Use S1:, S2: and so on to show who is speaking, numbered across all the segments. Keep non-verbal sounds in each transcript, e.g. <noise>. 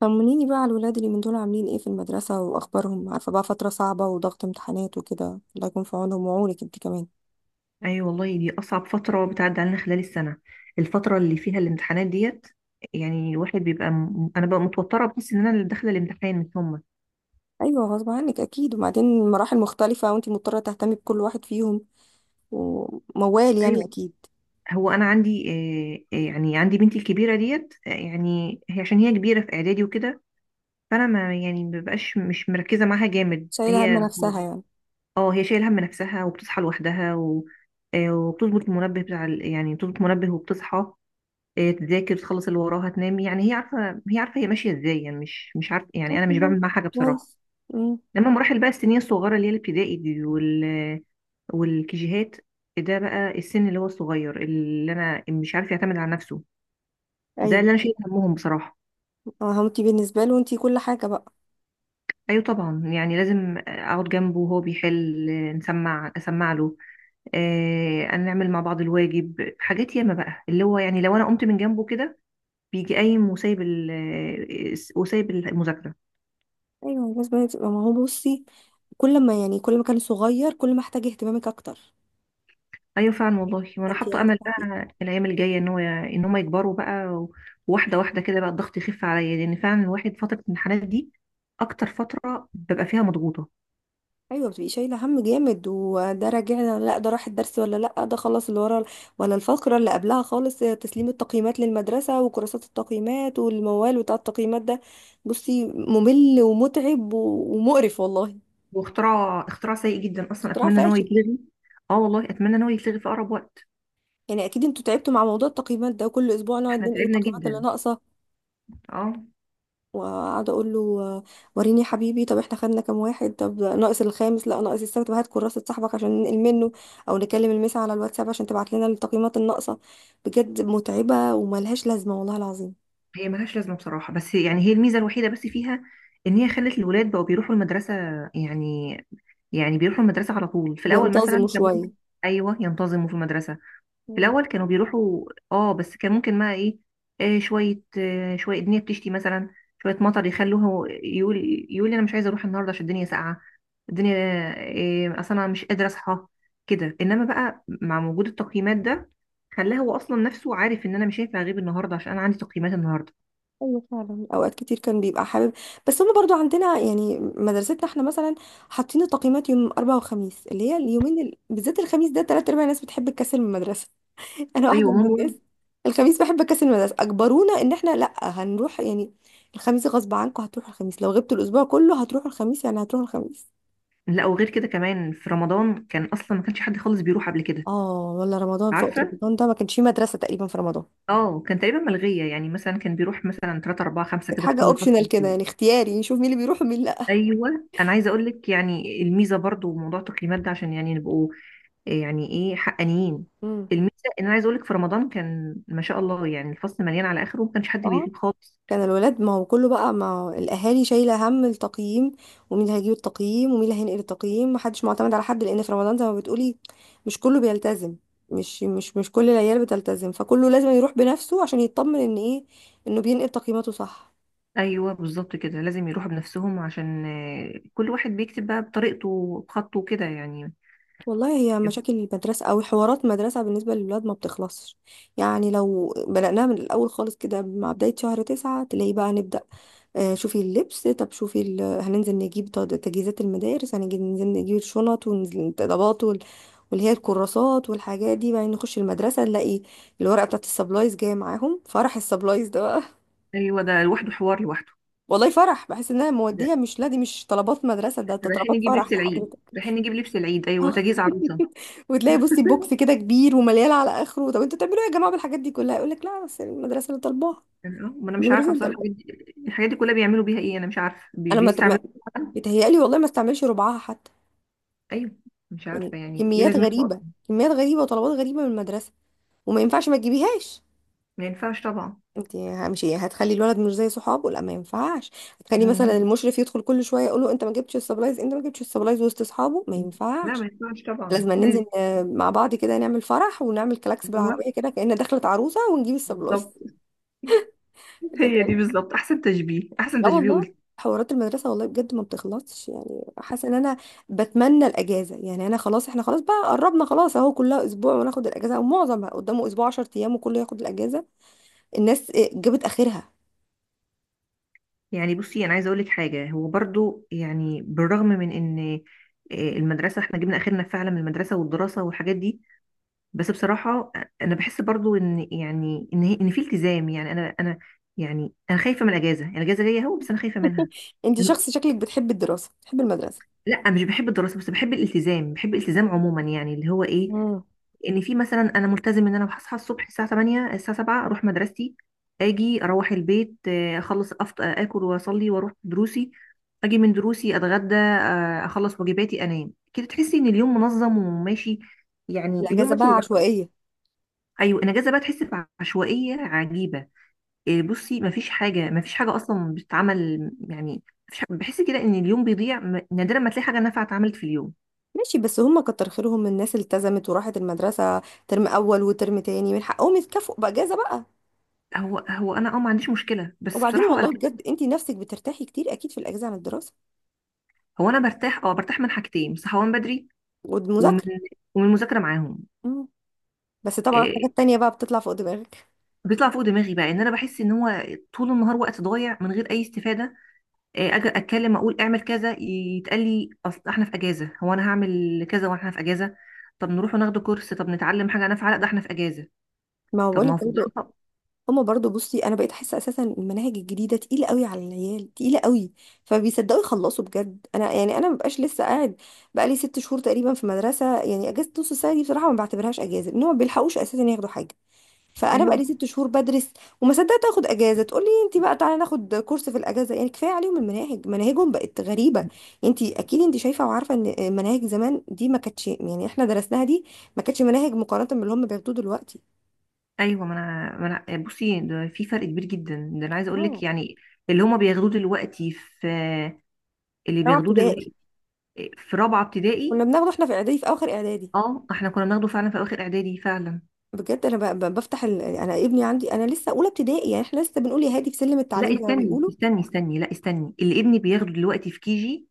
S1: طمنيني بقى على الولاد اللي من دول عاملين ايه في المدرسة واخبارهم. عارفة بقى، فترة صعبة وضغط امتحانات وكده، الله يكون في عونهم وعونك انت كمان.
S2: اي، والله دي اصعب فتره بتعدي علينا خلال السنه، الفتره اللي فيها الامتحانات ديت. يعني الواحد بيبقى انا ببقى متوتره، بحس ان انا اللي داخله الامتحان مش هم.
S1: ايوه غصب عنك اكيد، وبعدين مراحل مختلفة وانت مضطرة تهتمي بكل واحد فيهم، وموال يعني
S2: ايوه.
S1: اكيد.
S2: هو انا عندي، يعني عندي بنتي الكبيره ديت. يعني هي عشان هي كبيره في اعدادي وكده، فانا ما يعني ما ببقاش مش مركزه معاها جامد.
S1: شايلة هم
S2: هي
S1: نفسها يعني.
S2: اه هي شايله هم نفسها وبتصحى لوحدها وبتظبط المنبه يعني بتظبط منبه وبتصحى. إيه، تذاكر تخلص اللي وراها تنام، يعني هي عارفه هي عارفه، هي ماشيه ازاي، يعني مش عارفه. يعني
S1: طب
S2: انا مش
S1: والله
S2: بعمل معاها حاجه بصراحه.
S1: كويس. امم
S2: لما مراحل بقى السنين الصغيره اللي هي الابتدائي دي والكيجيهات، ده بقى السن اللي هو الصغير، اللي انا مش عارف يعتمد على نفسه، ده
S1: ايوه.
S2: اللي انا شايل همهم بصراحه.
S1: اه انت بالنسبة له انت كل حاجة بقى.
S2: ايوه طبعا، يعني لازم اقعد جنبه وهو بيحل، اسمع له. آه نعمل مع بعض الواجب حاجات ياما بقى، اللي هو يعني لو انا قمت من جنبه كده بيجي قايم وسايب وسايب المذاكره.
S1: ايوه بس ما هو بصي، كل ما كان صغير، كل ما احتاج اهتمامك اكتر.
S2: ايوه فعلا والله، وانا
S1: فانت
S2: حاطه امل
S1: هتتعبي.
S2: بقى الايام الجايه ان هو ان هم يكبروا بقى وواحده واحده كده بقى الضغط يخف عليا، لان فعلا الواحد فتره الامتحانات دي اكتر فتره ببقى فيها مضغوطه.
S1: ايوه بتبقي شايله هم جامد، وده راجعنا؟ لا ده راح الدرس؟ ولا لا ده خلص اللي ورا؟ ولا الفقره اللي قبلها خالص؟ تسليم التقييمات للمدرسه، وكراسات التقييمات، والموال بتاع التقييمات ده. بصي ممل ومتعب ومقرف والله.
S2: واختراع اختراع سيء جدا اصلا،
S1: اختراع نعم.
S2: اتمنى ان هو
S1: فاشل.
S2: يتلغي. اه والله، اتمنى ان هو يتلغي في اقرب وقت.
S1: يعني اكيد انتوا تعبتوا مع موضوع التقييمات ده، وكل اسبوع نقعد
S2: احنا
S1: ننقل
S2: تعبنا
S1: التقييمات اللي
S2: جدا.
S1: ناقصه،
S2: اه
S1: وقاعده اقول له آه، وريني يا حبيبي طب احنا خدنا كام واحد، طب ناقص الخامس لا ناقص السبت، طب هات كراسه صاحبك عشان ننقل منه، او نكلم المسا على الواتساب عشان تبعت لنا التقييمات الناقصه. بجد متعبه وملهاش لازمه والله العظيم.
S2: هي ملهاش لازمه بصراحه، بس يعني هي الميزه الوحيده بس فيها ان هي خلت الولاد بقوا بيروحوا المدرسه، يعني يعني بيروحوا المدرسه على طول. في الاول
S1: بينتظموا
S2: مثلا كان
S1: شويه.
S2: ممكن، ايوه ينتظموا في المدرسه. في
S1: مم.
S2: الاول كانوا بيروحوا، اه بس كان ممكن بقى ايه، شويه شويه الدنيا بتشتي مثلا، شويه مطر يخلوه يقول، يقول لي انا مش عايزه اروح النهارده عشان الدنيا ساقعه، الدنيا آه اصلا انا مش قادره اصحى كده. انما بقى مع وجود التقييمات ده، خلاه هو اصلا نفسه عارف ان انا مش هينفع اغيب النهارده عشان انا عندي تقييمات النهارده.
S1: ايوه فعلا، اوقات كتير كان بيبقى حابب، بس هما برضو عندنا يعني مدرستنا احنا مثلا حاطين التقييمات يوم اربعة وخميس، اللي هي اليومين بالذات الخميس ده تلات ارباع الناس بتحب تكسل من المدرسه. انا واحده
S2: ايوه
S1: من
S2: ماما.
S1: الناس، الخميس بحب اكسل المدرسه. اجبرونا ان احنا لا هنروح يعني، الخميس غصب عنكم هتروحوا، الخميس لو غبتوا الاسبوع كله هتروحوا الخميس، يعني هتروحوا الخميس.
S2: لا وغير كده كمان في رمضان كان اصلا ما كانش حد خالص بيروح قبل كده.
S1: اه والله رمضان، في وقت
S2: عارفه،
S1: رمضان ده ما كانش فيه مدرسه تقريبا في رمضان.
S2: اه كان تقريبا ملغيه، يعني مثلا كان بيروح مثلا 3 4 5
S1: كانت
S2: كده في
S1: حاجه
S2: كل
S1: اوبشنال كده
S2: فصل.
S1: يعني اختياري، نشوف مين اللي بيروح ومين لا.
S2: ايوه انا عايزه اقول لك يعني الميزه برضو موضوع التقييمات ده عشان يعني نبقوا يعني ايه، حقانيين.
S1: امم
S2: الميزه، ان انا عايزه اقول لك في رمضان كان ما شاء الله، يعني الفصل مليان على اخره وما كانش حد
S1: اه
S2: بيغيب خالص.
S1: كان الولاد، ما هو كله بقى ما هو الاهالي شايله هم التقييم، ومين اللي هيجيب التقييم ومين اللي هينقل التقييم، محدش معتمد على حد، لان في رمضان زي ما بتقولي مش كله بيلتزم. مش كل العيال بتلتزم، فكله لازم يروح بنفسه عشان يطمن ان ايه، انه بينقل تقييماته صح.
S2: ايوه بالظبط كده، لازم يروحوا بنفسهم عشان كل واحد بيكتب بقى بطريقته بخطه كده يعني.
S1: والله هي مشاكل المدرسة أو حوارات مدرسة بالنسبة للولاد ما بتخلصش. يعني لو بدأناها من الأول خالص كده، مع بداية شهر تسعة تلاقي بقى نبدأ آه، شوفي اللبس، طب شوفي هننزل نجيب تجهيزات المدارس، هننزل ننزل نجيب الشنط والطلبات واللي هي الكراسات والحاجات دي، بعدين نخش المدرسة نلاقي الورقة بتاعت السبلايز جاية معاهم. فرح السبلايز ده بقى.
S2: ايوه ده لوحده حوار لوحده.
S1: <laughs> والله فرح، بحس انها
S2: ده
S1: مودية، مش لا دي مش طلبات مدرسة، ده ده
S2: طب رايحين
S1: طلبات
S2: نجيب
S1: فرح
S2: لبس
S1: ده.
S2: العيد، رايحين نجيب لبس العيد، ايوه
S1: آه.
S2: تجهيز عروسه.
S1: <laughs> وتلاقي بصي بوكس كده كبير ومليان على اخره، طب انتوا بتعملوا ايه يا جماعه بالحاجات دي كلها؟ يقول لك لا بس المدرسه اللي طالباها،
S2: آه، ما انا مش
S1: المدرسه
S2: عارفه
S1: اللي
S2: بصراحه
S1: طالباها.
S2: الحاجات دي، الحاجات دي كلها بيعملوا بيها ايه. انا مش عارفه
S1: انا
S2: بيستعملوا.
S1: بيتهيألي والله ما استعملش ربعها حتى.
S2: ايوه مش
S1: يعني
S2: عارفه يعني ايه
S1: كميات
S2: لازمتها
S1: غريبه،
S2: اصلا.
S1: كميات غريبه وطلبات غريبه من المدرسه، وما ينفعش ما تجيبيهاش.
S2: ما ينفعش طبعا.
S1: انت مش هتخلي الولد مش زي صحابه، لا ما ينفعش. هتخلي مثلا
S2: مم.
S1: المشرف يدخل كل شويه يقول له انت ما جبتش السبلايز، انت ما جبتش السبلايز وسط اصحابه، ما
S2: لا ما
S1: ينفعش.
S2: ينفعش طبعا،
S1: لازم
S2: لازم.
S1: ننزل آه، مع بعض كده، نعمل فرح ونعمل كلاكس
S2: هو
S1: بالعربيه كده كأن دخلت عروسه ونجيب السبلايز.
S2: بالظبط. <laughs>
S1: بجد
S2: هي دي
S1: والله.
S2: بالظبط احسن تشبيه، احسن
S1: لا
S2: تشبيه
S1: والله
S2: قلت.
S1: حوارات المدرسة والله بجد ما بتخلصش. يعني حاسة ان انا بتمنى الاجازة، يعني انا خلاص، احنا خلاص بقى قربنا خلاص، اهو كلها اسبوع وناخد الاجازة، او معظم قدامه اسبوع 10 ايام وكله ياخد الاجازة. الناس إيه، جابت اخرها.
S2: يعني بصي انا عايزه اقول لك حاجه، هو برضو يعني بالرغم من ان المدرسه احنا جبنا اخرنا فعلا من المدرسه والدراسه والحاجات دي، بس بصراحه انا بحس برضو ان يعني ان هي ان في التزام، يعني انا يعني انا خايفه من الاجازه، يعني الاجازه جايه اهو بس انا خايفه منها.
S1: <laughs> انت شخص شكلك بتحب الدراسة بتحب المدرسة.
S2: لا مش بحب الدراسه، بس بحب الالتزام، عموما، يعني اللي هو ايه،
S1: مم.
S2: ان في مثلا انا ملتزم ان انا هصحى الصبح الساعه 8، الساعه 7 اروح مدرستي، اجي اروح البيت، اخلص اكل واصلي واروح دروسي، اجي من دروسي اتغدى، اخلص واجباتي انام. كده تحسي ان اليوم منظم وماشي، يعني اليوم
S1: الاجازة
S2: ماشي
S1: بقى
S2: لوحده.
S1: عشوائية.
S2: ايوه الاجازه بقى تحس بعشوائيه عجيبه. إيه، بصي مفيش حاجه مفيش حاجه اصلا بتتعمل يعني. بحس كده ان اليوم بيضيع، نادرا ما تلاقي حاجه نافعه اتعملت في اليوم.
S1: ماشي بس هم كتر خيرهم الناس اللي التزمت وراحت المدرسة ترم اول وترم تاني، من حقهم يتكافئوا باجازة بقى.
S2: هو انا اه ما عنديش مشكله، بس
S1: وبعدين
S2: بصراحه
S1: والله بجد انت نفسك بترتاحي كتير اكيد في الاجازة عن الدراسة
S2: هو انا برتاح، اه برتاح من حاجتين، من صحوان بدري، ومن
S1: والمذاكرة.
S2: ومن المذاكره معاهم.
S1: بس طبعا
S2: إيه
S1: حاجات تانية بقى بتطلع فوق دماغك.
S2: بيطلع فوق دماغي بقى ان انا بحس ان هو طول النهار وقت ضايع من غير اي استفاده. إيه اجي اتكلم اقول اعمل كذا، يتقال لي اصل احنا في اجازه، هو انا هعمل كذا واحنا في اجازه؟ طب نروح وناخد كورس، طب نتعلم حاجه نافعه، لا ده احنا في اجازه.
S1: ما هو
S2: طب ما
S1: بقولك
S2: هو في
S1: برضو.
S2: الدراسه.
S1: هما برضو بصي انا بقيت احس اساسا المناهج الجديده تقيله قوي على العيال، تقيله قوي، فبيصدقوا يخلصوا بجد. انا مبقاش لسه قاعد، بقالي 6 شهور تقريبا في مدرسه، يعني اجازه نص السنه دي بصراحه ما بعتبرهاش اجازه ان هما ما بيلحقوش اساسا ياخدوا حاجه. فانا
S2: ايوه،
S1: بقالي 6 شهور بدرس، وما صدقت اخد اجازه، تقولي انت بقى تعالي ناخد كورس في الاجازه؟ يعني كفايه عليهم المناهج، مناهجهم بقت غريبه. انت اكيد انت شايفه وعارفه ان مناهج زمان دي ما كانتش، يعني احنا درسناها دي ما كانتش مناهج مقارنه باللي هم بياخدوه دلوقتي.
S2: ايوه ما انا بصي ده في فرق كبير جدا، ده انا عايزه اقول لك
S1: اه.
S2: يعني اللي هما بياخدوه دلوقتي في، اللي
S1: رابعه
S2: بياخدوه
S1: ابتدائي
S2: دلوقتي في رابعه
S1: كنا
S2: ابتدائي.
S1: بناخده احنا في اعدادي، في اخر اعدادي.
S2: اه احنا كنا بناخده فعلا في اواخر اعدادي فعلا.
S1: بجد انا بفتح انا ابني عندي انا لسه اولى ابتدائي، يعني احنا لسه بنقول يا هادي في سلم
S2: لا
S1: التعليم زي ما
S2: استني
S1: بيقولوا.
S2: استني استني، لا استني اللي ابني بياخده دلوقتي في كيجي،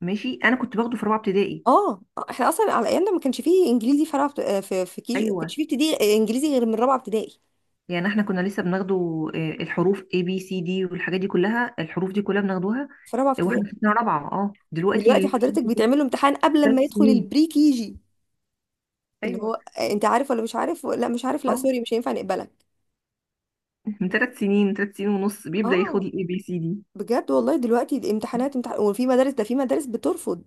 S2: ماشي. انا كنت باخده في رابعه ابتدائي.
S1: اه احنا اصلا على ايامنا ما كانش فيه انجليزي في في في كيجي، ما كانش
S2: ايوه
S1: فيه ابتدائي انجليزي غير من رابعه ابتدائي.
S2: يعني احنا كنا لسه بناخده، الحروف ABCD والحاجات دي كلها، الحروف دي كلها بناخدوها
S1: في رابعه
S2: واحنا
S1: ابتدائي
S2: في سنه رابعه. اه دلوقتي
S1: دلوقتي
S2: اللي في كيجي،
S1: حضرتك بيتعمل له امتحان قبل ما
S2: ثلاث
S1: يدخل
S2: سنين
S1: البري كيجي، اللي
S2: ايوه
S1: هو آه، انت عارف ولا مش عارف؟ لا مش عارف، لا
S2: اه،
S1: سوري مش هينفع نقبلك.
S2: من 3 سنين، 3 سنين ونص بيبدا ياخد
S1: اه
S2: ABCD.
S1: بجد والله دلوقتي الامتحانات امتحان، وفي مدارس ده في مدارس بترفض،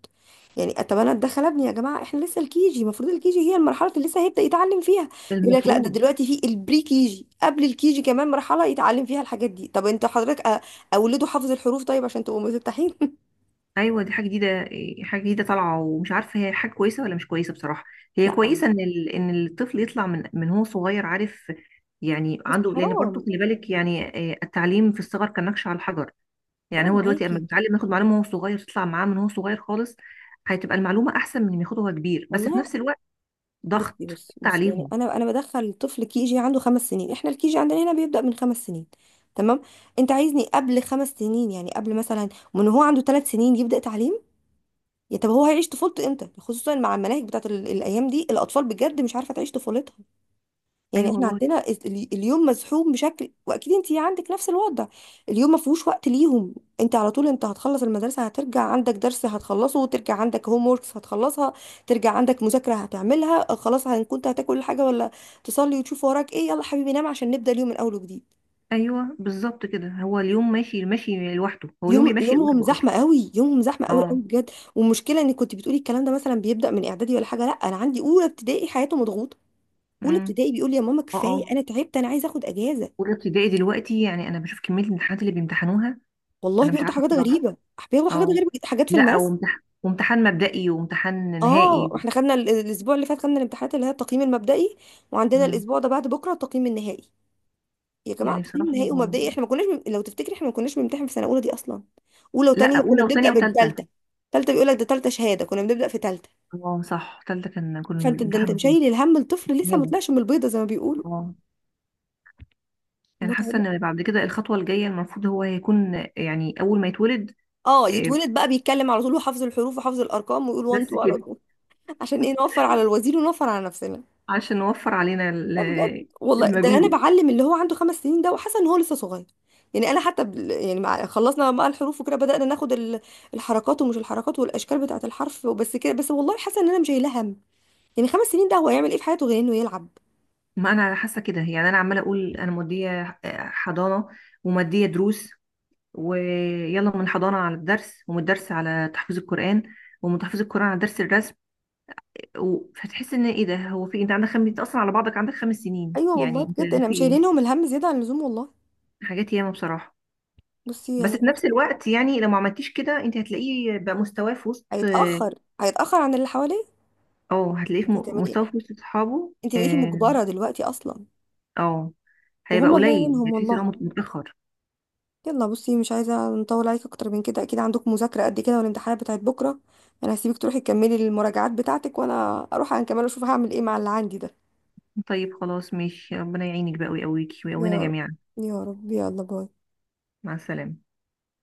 S1: يعني طب انا اتدخل ابني يا جماعه، احنا لسه الكيجي المفروض الكيجي هي المرحله اللي لسه هيبدا يتعلم فيها. يقول لك لا ده
S2: المفروض.
S1: دلوقتي في البري كيجي قبل الكيجي كمان مرحله يتعلم فيها الحاجات دي. طب انت حضرتك اوله حافظ الحروف، طيب عشان تبقوا مفتحين. <laughs>
S2: ايوه دي حاجه جديده، حاجه جديده طالعه ومش عارفه هي حاجه كويسه ولا مش كويسه بصراحه. هي
S1: لا
S2: كويسه ان ان الطفل يطلع من هو صغير، عارف يعني،
S1: بس
S2: عنده، لان برضه
S1: حرام.
S2: خلي بالك يعني، التعليم في الصغر كالنقش على الحجر.
S1: انا
S2: يعني هو دلوقتي اما
S1: معاكي
S2: بيتعلم ياخد معلومه وهو صغير، تطلع معاه من هو صغير خالص، هتبقى المعلومه احسن من ما ياخدها وهو كبير. بس في
S1: والله.
S2: نفس الوقت
S1: بصي
S2: ضغط
S1: بصي بصي، يعني
S2: تعليم.
S1: انا انا بدخل طفل كي جي عنده 5 سنين، احنا الكي جي عندنا هنا بيبدأ من 5 سنين، تمام؟ انت عايزني قبل 5 سنين، يعني قبل مثلا من هو عنده 3 سنين يبدأ تعليم؟ يا طب هو هيعيش طفولته امتى، خصوصا مع المناهج بتاعت الايام دي، الاطفال بجد مش عارفه تعيش طفولتها. يعني
S2: ايوه
S1: احنا
S2: والله.
S1: عندنا اليوم مزحوم بشكل، واكيد انت عندك نفس الوضع. اليوم ما فيهوش وقت ليهم. انت على طول، انت هتخلص المدرسه هترجع عندك درس هتخلصه، وترجع عندك هوم ووركس هتخلصها، ترجع عندك مذاكره هتعملها، آه، خلاص كنت هتاكل حاجه ولا تصلي وتشوف وراك ايه، يلا حبيبي نام عشان نبدا اليوم من اول وجديد.
S2: ايوه بالظبط كده، هو اليوم ماشي ماشي لوحده، هو اليوم
S1: يوم
S2: بيمشي
S1: يومهم
S2: لوحده اصلا.
S1: زحمه قوي، يومهم زحمه قوي قوي
S2: اه.
S1: بجد. والمشكله انك كنت بتقولي الكلام ده مثلا بيبدا من اعدادي ولا حاجه، لا انا عندي اولى ابتدائي حياته مضغوطه. اولى
S2: امم.
S1: ابتدائي بيقول لي يا ماما
S2: اه. اه.
S1: كفايه انا تعبت، انا عايز اخد اجازه.
S2: اولى ابتدائي دلوقتي، يعني انا بشوف كميه الامتحانات اللي بيمتحنوها.
S1: والله
S2: انا مش
S1: بياخدوا
S2: عارفه
S1: حاجات
S2: بصراحه.
S1: غريبة، بياخدوا حاجات
S2: اه.
S1: غريبة جدا، حاجات في
S2: لا
S1: الماس.
S2: وامتحان مبدئي وامتحان
S1: اه
S2: نهائي.
S1: احنا خدنا الاسبوع اللي فات خدنا الامتحانات اللي هي التقييم المبدئي، وعندنا
S2: مم.
S1: الاسبوع ده بعد بكرة التقييم النهائي. يا جماعة
S2: يعني
S1: التقييم
S2: بصراحه.
S1: النهائي ومبدئي، احنا ما كناش لو تفتكري احنا ما كناش بنمتحن في سنة اولى دي اصلا. اولى
S2: لا
S1: وتانية كنا
S2: اولى
S1: بنبدأ
S2: وثانيه وثالثه.
S1: بالتالتة، تالتة بيقول لك ده تالتة شهادة كنا بنبدأ في تالتة.
S2: اه صح، ثالثه كان كل
S1: فانت ده انت
S2: الامتحان فيه.
S1: مشايل الهم الطفل لسه ما
S2: شهاده.
S1: طلعش من البيضة زي ما بيقولوا.
S2: اه. انا حاسه
S1: متعب.
S2: ان بعد كده الخطوه الجايه المفروض هو هيكون يعني اول ما يتولد.
S1: اه
S2: آه،
S1: يتولد بقى بيتكلم على طول، وحافظ الحروف وحافظ الارقام ويقول 1
S2: بس
S1: 2 على
S2: كده.
S1: طول، عشان ايه؟
S2: <laughs>
S1: نوفر على الوزير ونوفر على نفسنا.
S2: عشان نوفر علينا
S1: لا بجد والله، ده انا
S2: المجهود.
S1: بعلم اللي هو عنده 5 سنين ده وحاسه ان هو لسه صغير. يعني انا حتى يعني مع خلصنا بقى الحروف وكده بدأنا ناخد الحركات، ومش الحركات والاشكال بتاعه الحرف، وبس كده بس والله حاسه ان انا مش شايله هم. يعني 5 سنين ده هو هيعمل ايه في حياته غير انه يلعب؟
S2: ما انا حاسه كده، يعني انا عماله اقول انا موديه حضانه، وماديه دروس، ويلا من الحضانة على الدرس، ومن الدرس على تحفيظ القرآن، ومن تحفيظ القرآن على درس الرسم، فتحس ان ايه ده. هو في إيه؟ انت اصلا على بعضك عندك 5 سنين
S1: ايوه
S2: يعني
S1: والله
S2: انت.
S1: بجد انا
S2: في
S1: مش
S2: ايه،
S1: شايلينهم الهم زياده عن اللزوم والله.
S2: حاجات ياما بصراحة.
S1: بصي
S2: بس
S1: يعني
S2: في نفس
S1: حاسة.
S2: الوقت يعني لو ما عملتيش كده انت هتلاقيه بقى مستواه في وسط اه،
S1: هيتاخر، هيتاخر عن اللي حواليه.
S2: هتلاقيه في
S1: انت هتعملي ايه،
S2: مستواه في وسط اصحابه،
S1: انت بقيتي
S2: اه،
S1: مجبره دلوقتي اصلا.
S2: آه، هيبقى
S1: وهم الله
S2: قليل
S1: يعينهم
S2: هتحسي ان
S1: والله.
S2: هو متأخر.
S1: يلا بصي مش عايزة نطول عليك أكتر من كده، أكيد عندك مذاكرة قد كده والامتحانات بتاعت بكرة، أنا هسيبك تروحي تكملي المراجعات بتاعتك، وأنا أروح أنا كمان أشوف هعمل إيه مع اللي عندي ده.
S2: طيب خلاص ماشي، ربنا يعينك بقى ويقويكي
S1: يا
S2: ويقوينا
S1: رب،
S2: جميعا.
S1: يا رب، يلا باي.
S2: مع السلامة.